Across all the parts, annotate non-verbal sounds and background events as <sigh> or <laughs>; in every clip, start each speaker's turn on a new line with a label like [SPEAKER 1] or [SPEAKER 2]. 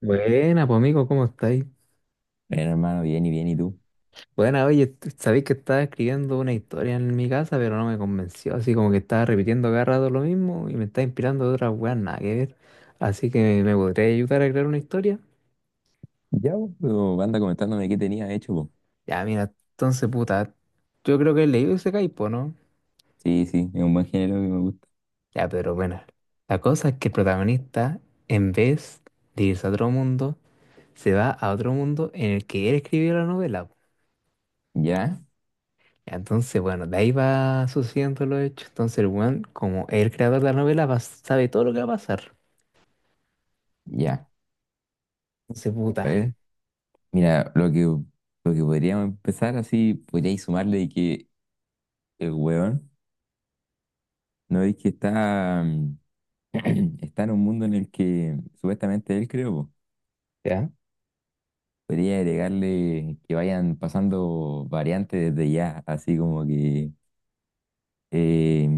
[SPEAKER 1] Buena, pues amigo, ¿cómo estáis?
[SPEAKER 2] Bueno, hermano, bien y bien, ¿y tú?
[SPEAKER 1] Buena, oye, sabéis que estaba escribiendo una historia en mi casa, pero no me convenció, así como que estaba repitiendo cada rato lo mismo y me está inspirando de otras weas, nada que ver. Así que me podría ayudar a crear una historia.
[SPEAKER 2] Ya, vos, pero anda comentándome qué tenías hecho, po.
[SPEAKER 1] Ya, mira, entonces, puta, yo creo que he leído ese caipo, ¿no?
[SPEAKER 2] Sí, sí, es un buen género que me gusta.
[SPEAKER 1] Ya, pero bueno, la cosa es que el protagonista, en vez de irse a otro mundo, se va a otro mundo en el que él escribió la novela.
[SPEAKER 2] Ya,
[SPEAKER 1] Entonces, bueno, de ahí va sucediendo los hechos. Entonces, el weón, como es el creador de la novela, sabe todo lo que va a pasar.
[SPEAKER 2] ya.
[SPEAKER 1] Entonces,
[SPEAKER 2] A
[SPEAKER 1] puta,
[SPEAKER 2] ver, mira, lo que podríamos empezar así, podríais sumarle de que el huevón, ¿no? Es que está, <clears throat> está en un mundo en el que supuestamente él creo po.
[SPEAKER 1] ¿ya?
[SPEAKER 2] Podría agregarle que vayan pasando variantes desde ya, así como que eh,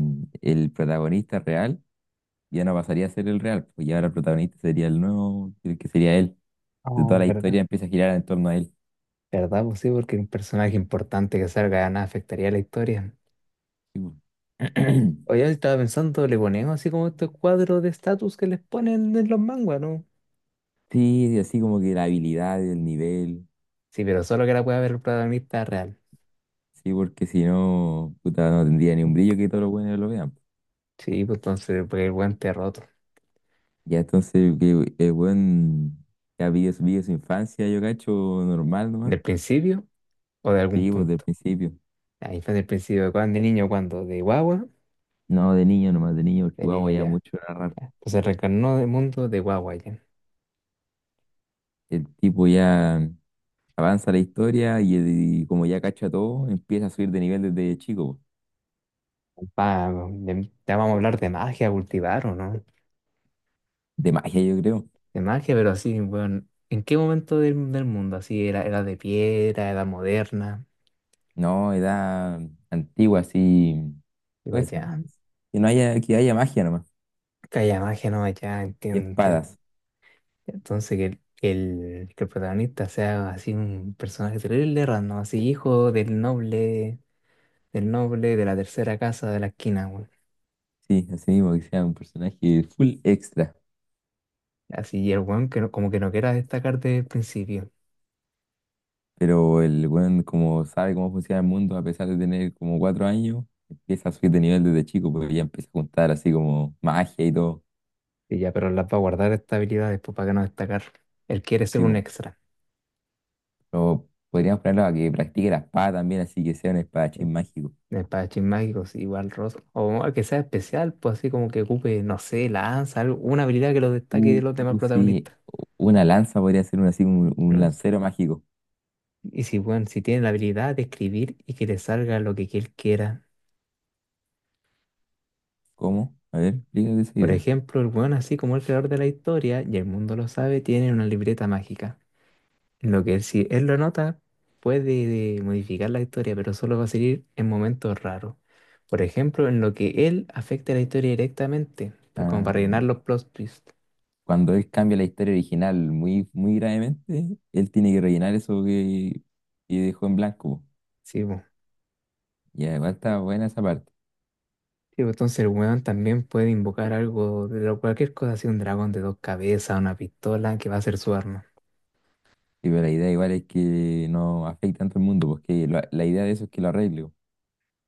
[SPEAKER 2] el protagonista real ya no pasaría a ser el real, pues ya ahora el protagonista sería el nuevo, el que sería él. De toda
[SPEAKER 1] Oh,
[SPEAKER 2] la
[SPEAKER 1] ¿verdad?
[SPEAKER 2] historia empieza a girar en torno a él.
[SPEAKER 1] ¿Verdad? Pues sí, porque un personaje importante que salga de nada afectaría a la historia.
[SPEAKER 2] Sí, po. <clears throat>
[SPEAKER 1] Oye, estaba pensando, le ponemos así como estos cuadros de estatus que les ponen en los manguas, ¿no?
[SPEAKER 2] Sí, así como que la habilidad, el nivel,
[SPEAKER 1] Sí, pero solo que la pueda ver el protagonista real.
[SPEAKER 2] sí, porque si no, puta, no tendría ni un brillo que todos los buenos lo vean, pues.
[SPEAKER 1] Sí, pues entonces, pues el weón te roto.
[SPEAKER 2] Ya entonces, que el buen ya vive su infancia, yo cacho, normal nomás.
[SPEAKER 1] ¿Del principio o de algún
[SPEAKER 2] Sí, pues del
[SPEAKER 1] punto?
[SPEAKER 2] principio.
[SPEAKER 1] Ahí fue del principio, ¿de cuándo? ¿De niño cuándo? ¿De guagua?
[SPEAKER 2] No, de niño nomás, de niño, porque
[SPEAKER 1] De
[SPEAKER 2] guau,
[SPEAKER 1] niño
[SPEAKER 2] ya
[SPEAKER 1] ya.
[SPEAKER 2] mucho narrar.
[SPEAKER 1] Pues se reencarnó del mundo de Wawayan.
[SPEAKER 2] El tipo ya avanza la historia y como ya cacha todo, empieza a subir de nivel desde chico, pues.
[SPEAKER 1] Ya vamos a hablar de magia, cultivar o no.
[SPEAKER 2] De magia, yo creo.
[SPEAKER 1] De magia, pero así, bueno, ¿en qué momento del mundo? Así, era de piedra, era moderna.
[SPEAKER 2] No, edad antigua, así.
[SPEAKER 1] Digo,
[SPEAKER 2] Puede ser
[SPEAKER 1] ya,
[SPEAKER 2] que no haya, que haya magia nomás.
[SPEAKER 1] que haya magia, no, ya,
[SPEAKER 2] Y
[SPEAKER 1] entiendo, entiendo.
[SPEAKER 2] espadas.
[SPEAKER 1] Entonces, que que el protagonista sea así un personaje terrible, random, así, hijo del noble de la tercera casa de la esquina, weón.
[SPEAKER 2] Sí, así mismo, que sea un personaje full extra.
[SPEAKER 1] Así, y el weón que como que no quiera destacar desde el principio.
[SPEAKER 2] Pero el weón, como sabe cómo funciona el mundo, a pesar de tener como cuatro años, empieza a subir de nivel desde chico, porque ya empieza a juntar así como magia y todo.
[SPEAKER 1] Y ya, pero las va a guardar estas habilidades pues, para que no destacar. Él quiere ser un
[SPEAKER 2] Tipo.
[SPEAKER 1] extra.
[SPEAKER 2] Pero podríamos ponerlo a que practique la espada también, así que sea un espadachín mágico.
[SPEAKER 1] En Espadachín mágicos, igual Ross. O que sea especial, pues así como que ocupe, no sé, lanza, algo, una habilidad que lo destaque
[SPEAKER 2] Uh,
[SPEAKER 1] de los demás
[SPEAKER 2] sí.
[SPEAKER 1] protagonistas.
[SPEAKER 2] Una lanza podría ser un, así, un
[SPEAKER 1] ¿No?
[SPEAKER 2] lancero mágico.
[SPEAKER 1] Y si, bueno, si tiene la habilidad de escribir y que le salga lo que él quiera.
[SPEAKER 2] ¿Cómo? A ver, explícate esa
[SPEAKER 1] Por
[SPEAKER 2] idea.
[SPEAKER 1] ejemplo, el weón, así como el creador de la historia, y el mundo lo sabe, tiene una libreta mágica. Lo que si él lo nota, puede modificar la historia, pero solo va a seguir en momentos raros. Por ejemplo, en lo que él afecta la historia directamente, como para rellenar
[SPEAKER 2] Ah,
[SPEAKER 1] los plot twists.
[SPEAKER 2] cuando él cambia la historia original muy, muy gravemente, él tiene que rellenar eso que dejó en blanco.
[SPEAKER 1] Sí, po.
[SPEAKER 2] Y además está buena esa parte.
[SPEAKER 1] Sí, po. Entonces el weón también puede invocar algo, de lo- cualquier cosa, así un dragón de dos cabezas, una pistola, que va a ser su arma.
[SPEAKER 2] Sí, pero la idea igual es que no afecte tanto al mundo, porque la idea de eso es que lo arregle, po,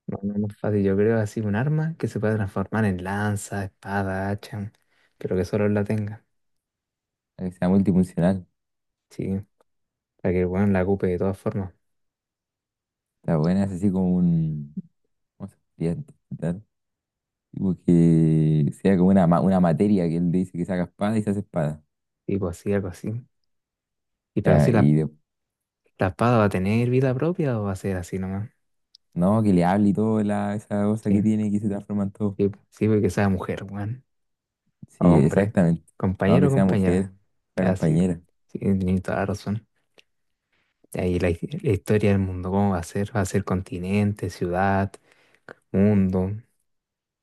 [SPEAKER 1] No, no no es más fácil, yo creo así un arma que se pueda transformar en lanza, espada, hacha, pero que solo él la tenga.
[SPEAKER 2] para que sea multifuncional.
[SPEAKER 1] Sí, para que el weón la ocupe de todas formas.
[SPEAKER 2] Está buena, es así como un... ¿Cómo se podría interpretar? Tipo que sea como una, una materia que él dice que saca espada y se hace espada.
[SPEAKER 1] Tipo así, algo así. Y pero
[SPEAKER 2] Ya,
[SPEAKER 1] así las ¿la espada va a tener vida propia o va a ser así nomás?
[SPEAKER 2] no, que le hable y todo la, esa cosa que
[SPEAKER 1] Sí,
[SPEAKER 2] tiene que se transforma en todo.
[SPEAKER 1] sí, sí, porque sea mujer, weón. O
[SPEAKER 2] Sí,
[SPEAKER 1] hombre,
[SPEAKER 2] exactamente. Vamos
[SPEAKER 1] compañero o
[SPEAKER 2] que sea mujer,
[SPEAKER 1] compañera.
[SPEAKER 2] sea
[SPEAKER 1] Ya, sí,
[SPEAKER 2] compañera.
[SPEAKER 1] sí, tienes toda la razón. Y ahí la historia del mundo, ¿cómo va a ser? ¿Va a ser continente, ciudad, mundo?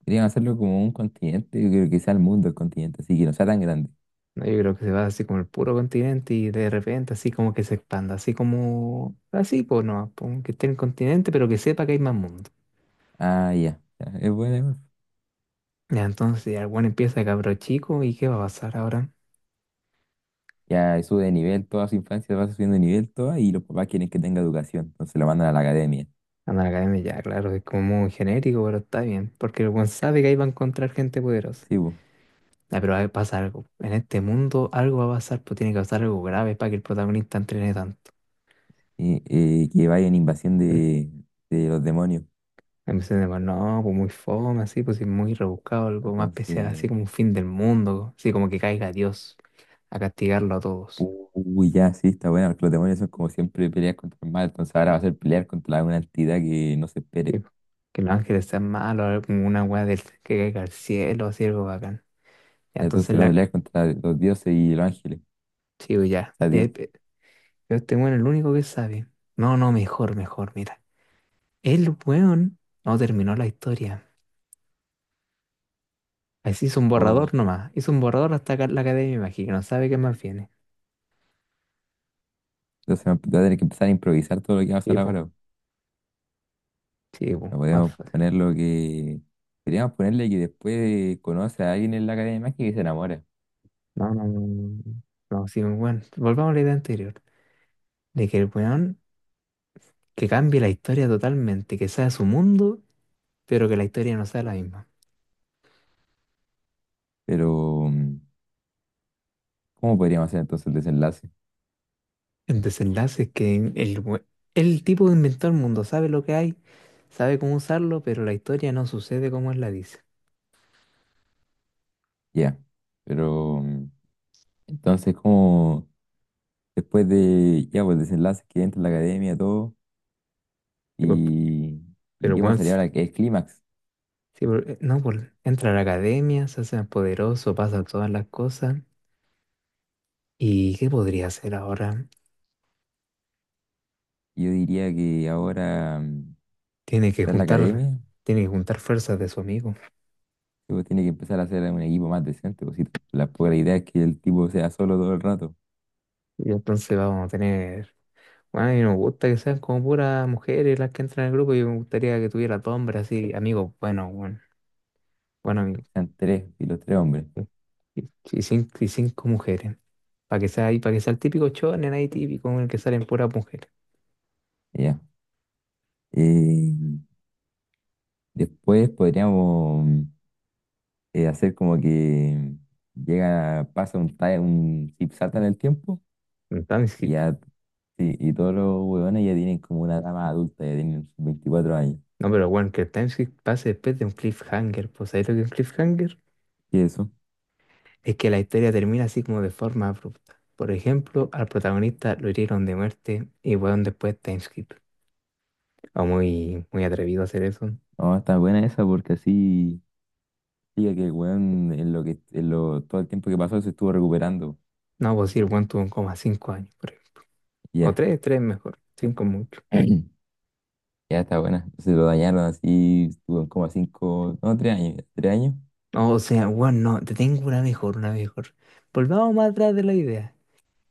[SPEAKER 2] Querían hacerlo como un continente, yo creo que sea el mundo el continente, así que no sea tan grande.
[SPEAKER 1] No, yo creo que se va así como el puro continente y de repente así como que se expanda, así como, así, pues no, pues, que esté el continente, pero que sepa que hay más mundo.
[SPEAKER 2] Ah, ya. Ya, es buena, igual.
[SPEAKER 1] Ya, entonces ya el weón empieza de cabro chico y ¿qué va a pasar ahora?
[SPEAKER 2] Ya sube de nivel toda su infancia, va subiendo de nivel toda y los papás quieren que tenga educación, entonces lo mandan a la academia.
[SPEAKER 1] Amalgame ya, claro, es como muy genérico, pero está bien. Porque el buen sabe que ahí va a encontrar gente poderosa.
[SPEAKER 2] Sí, po.
[SPEAKER 1] Ah, pero ahí pasa algo. En este mundo algo va a pasar, pues tiene que pasar algo grave para que el protagonista entrene tanto. <laughs>
[SPEAKER 2] Y que vaya en invasión
[SPEAKER 1] Mm.
[SPEAKER 2] de los demonios.
[SPEAKER 1] A mí se me va, no, pues muy fome, así, pues sí, muy rebuscado, algo más especial, así
[SPEAKER 2] Entonces,
[SPEAKER 1] como un fin del mundo, así como que caiga Dios a castigarlo a todos.
[SPEAKER 2] uy, ya, sí, está buena, porque los demonios son como siempre pelear contra el mal, entonces ahora va a ser pelear contra una entidad que no se
[SPEAKER 1] Sí,
[SPEAKER 2] espere.
[SPEAKER 1] pues. Que los ángeles sean malos, algo como una weá del que caiga al cielo, así algo bacán. Ya, entonces
[SPEAKER 2] Entonces va a
[SPEAKER 1] la.
[SPEAKER 2] pelear contra los dioses y los ángeles.
[SPEAKER 1] Sí, pues, ya.
[SPEAKER 2] Sea, tiempo.
[SPEAKER 1] Pero este weón es el único que sabe. No, no, mejor, mejor, mira. El weón no terminó la historia. Así hizo un borrador nomás. Hizo un borrador hasta acá en la academia, imagino. No sabe qué más viene.
[SPEAKER 2] Entonces va a tener que empezar a improvisar todo lo que va a
[SPEAKER 1] Sí,
[SPEAKER 2] pasar
[SPEAKER 1] pues,
[SPEAKER 2] ahora.
[SPEAKER 1] sí, po,
[SPEAKER 2] No
[SPEAKER 1] más
[SPEAKER 2] podemos
[SPEAKER 1] fácil.
[SPEAKER 2] poner lo que. Podríamos ponerle que después conoce a alguien en la Academia de Magia y se enamora.
[SPEAKER 1] No, no, no. No, no. No, sí, bueno. Volvamos a la idea anterior. De que el weón que cambie la historia totalmente, que sea su mundo, pero que la historia no sea la misma.
[SPEAKER 2] Pero, ¿cómo podríamos hacer entonces el desenlace?
[SPEAKER 1] El desenlace es que el tipo inventó el mundo, sabe lo que hay, sabe cómo usarlo, pero la historia no sucede como él la dice.
[SPEAKER 2] Ya. Pero, entonces, ¿cómo? Después de. Ya, pues el desenlace que entra en la Academia, todo. Y. ¿Y
[SPEAKER 1] Pero
[SPEAKER 2] qué
[SPEAKER 1] Juan,
[SPEAKER 2] pasaría
[SPEAKER 1] sí,
[SPEAKER 2] ahora, que es clímax?
[SPEAKER 1] no, entra a la academia, se hace más poderoso, pasa todas las cosas. ¿Y qué podría hacer ahora?
[SPEAKER 2] Yo diría que ahora
[SPEAKER 1] Tiene que
[SPEAKER 2] está en la
[SPEAKER 1] juntar,
[SPEAKER 2] Academia.
[SPEAKER 1] tiene que juntar fuerzas de su amigo.
[SPEAKER 2] Sí, pues tiene que empezar a hacer un equipo más decente, pues si la pobre idea es que el tipo sea solo todo el rato.
[SPEAKER 1] Y entonces vamos a tener. Bueno, a mí no me gusta que sean como puras mujeres las que entran al grupo. Yo me gustaría que tuviera todo hombre así, amigos, bueno, bueno, bueno, amigo.
[SPEAKER 2] Están tres y los tres hombres.
[SPEAKER 1] Y cinco mujeres. Para que sea ahí, para que sea el típico shonen ahí típico en el que salen puras mujeres.
[SPEAKER 2] Ya. Eh, Después podríamos hacer como que llega, pasa un time, un zip salta en el tiempo
[SPEAKER 1] Entonces,
[SPEAKER 2] y
[SPEAKER 1] si
[SPEAKER 2] ya, sí, y todos los huevones ya tienen como una edad más adulta, ya tienen sus 24 años.
[SPEAKER 1] no, pero bueno, que el timeskip pase después de un cliffhanger. Pues ahí lo que es un cliffhanger
[SPEAKER 2] ¿Y eso?
[SPEAKER 1] es que la historia termina así como de forma abrupta. Por ejemplo, al protagonista lo hirieron de muerte y weón después timeskip. O muy, muy atrevido a hacer eso.
[SPEAKER 2] No, está buena esa porque así diga que el hueón en lo que todo el tiempo que pasó se estuvo recuperando.
[SPEAKER 1] No, pues sí, el weón tuvo como 5 años, por ejemplo. O
[SPEAKER 2] Ya.
[SPEAKER 1] tres, tres mejor. Cinco mucho.
[SPEAKER 2] <clears throat> Ya está buena. Se lo dañaron así, estuvo como a cinco, no, tres años, tres años.
[SPEAKER 1] No, o sea, weón, no, te tengo una mejor, una mejor. Volvamos más atrás de la idea.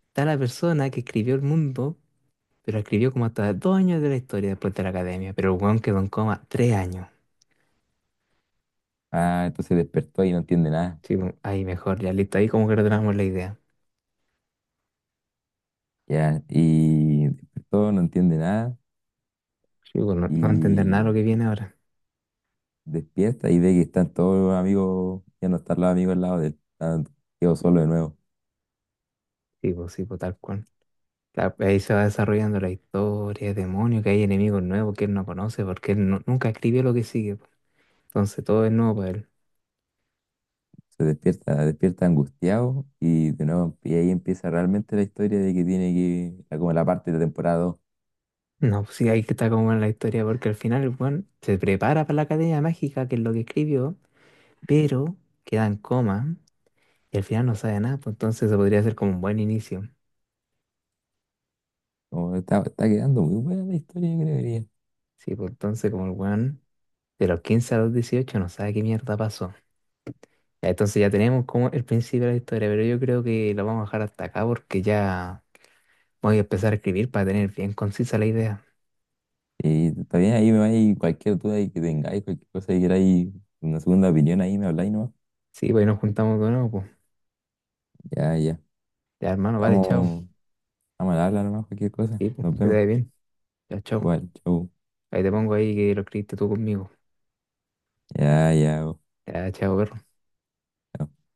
[SPEAKER 1] Está la persona que escribió el mundo, pero escribió como hasta 2 años de la historia después de la academia. Pero el weón quedó en coma 3 años.
[SPEAKER 2] Ah, entonces despertó y no entiende nada.
[SPEAKER 1] Sí, pues, ahí mejor, ya listo. Ahí como que retomamos la idea.
[SPEAKER 2] Ya, y despertó, no entiende nada.
[SPEAKER 1] Sí, pues, no, no va a entender nada lo
[SPEAKER 2] Y
[SPEAKER 1] que viene ahora.
[SPEAKER 2] despierta y ve que están todos los amigos, ya no están los amigos al lado de él. Está- quedó solo de nuevo.
[SPEAKER 1] Sí, pues, tal cual. Claro, pues, ahí se va desarrollando la historia, demonios, que hay enemigos nuevos que él no conoce porque él nunca escribió lo que sigue, pues. Entonces todo es nuevo para él.
[SPEAKER 2] Se despierta, despierta angustiado y de nuevo, y ahí empieza realmente la historia de que tiene que, como la parte de la temporada 2.
[SPEAKER 1] No, pues sí, ahí que está como en la historia porque al final el weón se prepara para la Academia Mágica, que es lo que escribió, pero queda en coma y al final no sabe nada. Pues entonces se podría hacer como un buen inicio.
[SPEAKER 2] Como está, está quedando muy buena la historia, yo creería.
[SPEAKER 1] Sí, pues entonces como el weón de los 15 a los 18 no sabe qué mierda pasó. Ya. Entonces ya tenemos como el principio de la historia, pero yo creo que lo vamos a dejar hasta acá porque ya voy a empezar a escribir para tener bien concisa la idea.
[SPEAKER 2] Está bien, ahí me vais cualquier duda ahí que tengáis, cualquier cosa que queráis, una segunda opinión ahí me habláis nomás.
[SPEAKER 1] Sí, pues ahí nos juntamos de nuevo, pues.
[SPEAKER 2] Ya, ya.
[SPEAKER 1] Ya, hermano, vale, chao.
[SPEAKER 2] Estamos, estamos al habla nomás, cualquier cosa.
[SPEAKER 1] Sí, pues,
[SPEAKER 2] Nos
[SPEAKER 1] que te
[SPEAKER 2] vemos.
[SPEAKER 1] vaya bien. Ya, chao.
[SPEAKER 2] Igual, chau.
[SPEAKER 1] Ahí te pongo ahí que lo escribiste tú conmigo.
[SPEAKER 2] Ya, ya.
[SPEAKER 1] Ya, chao, perro.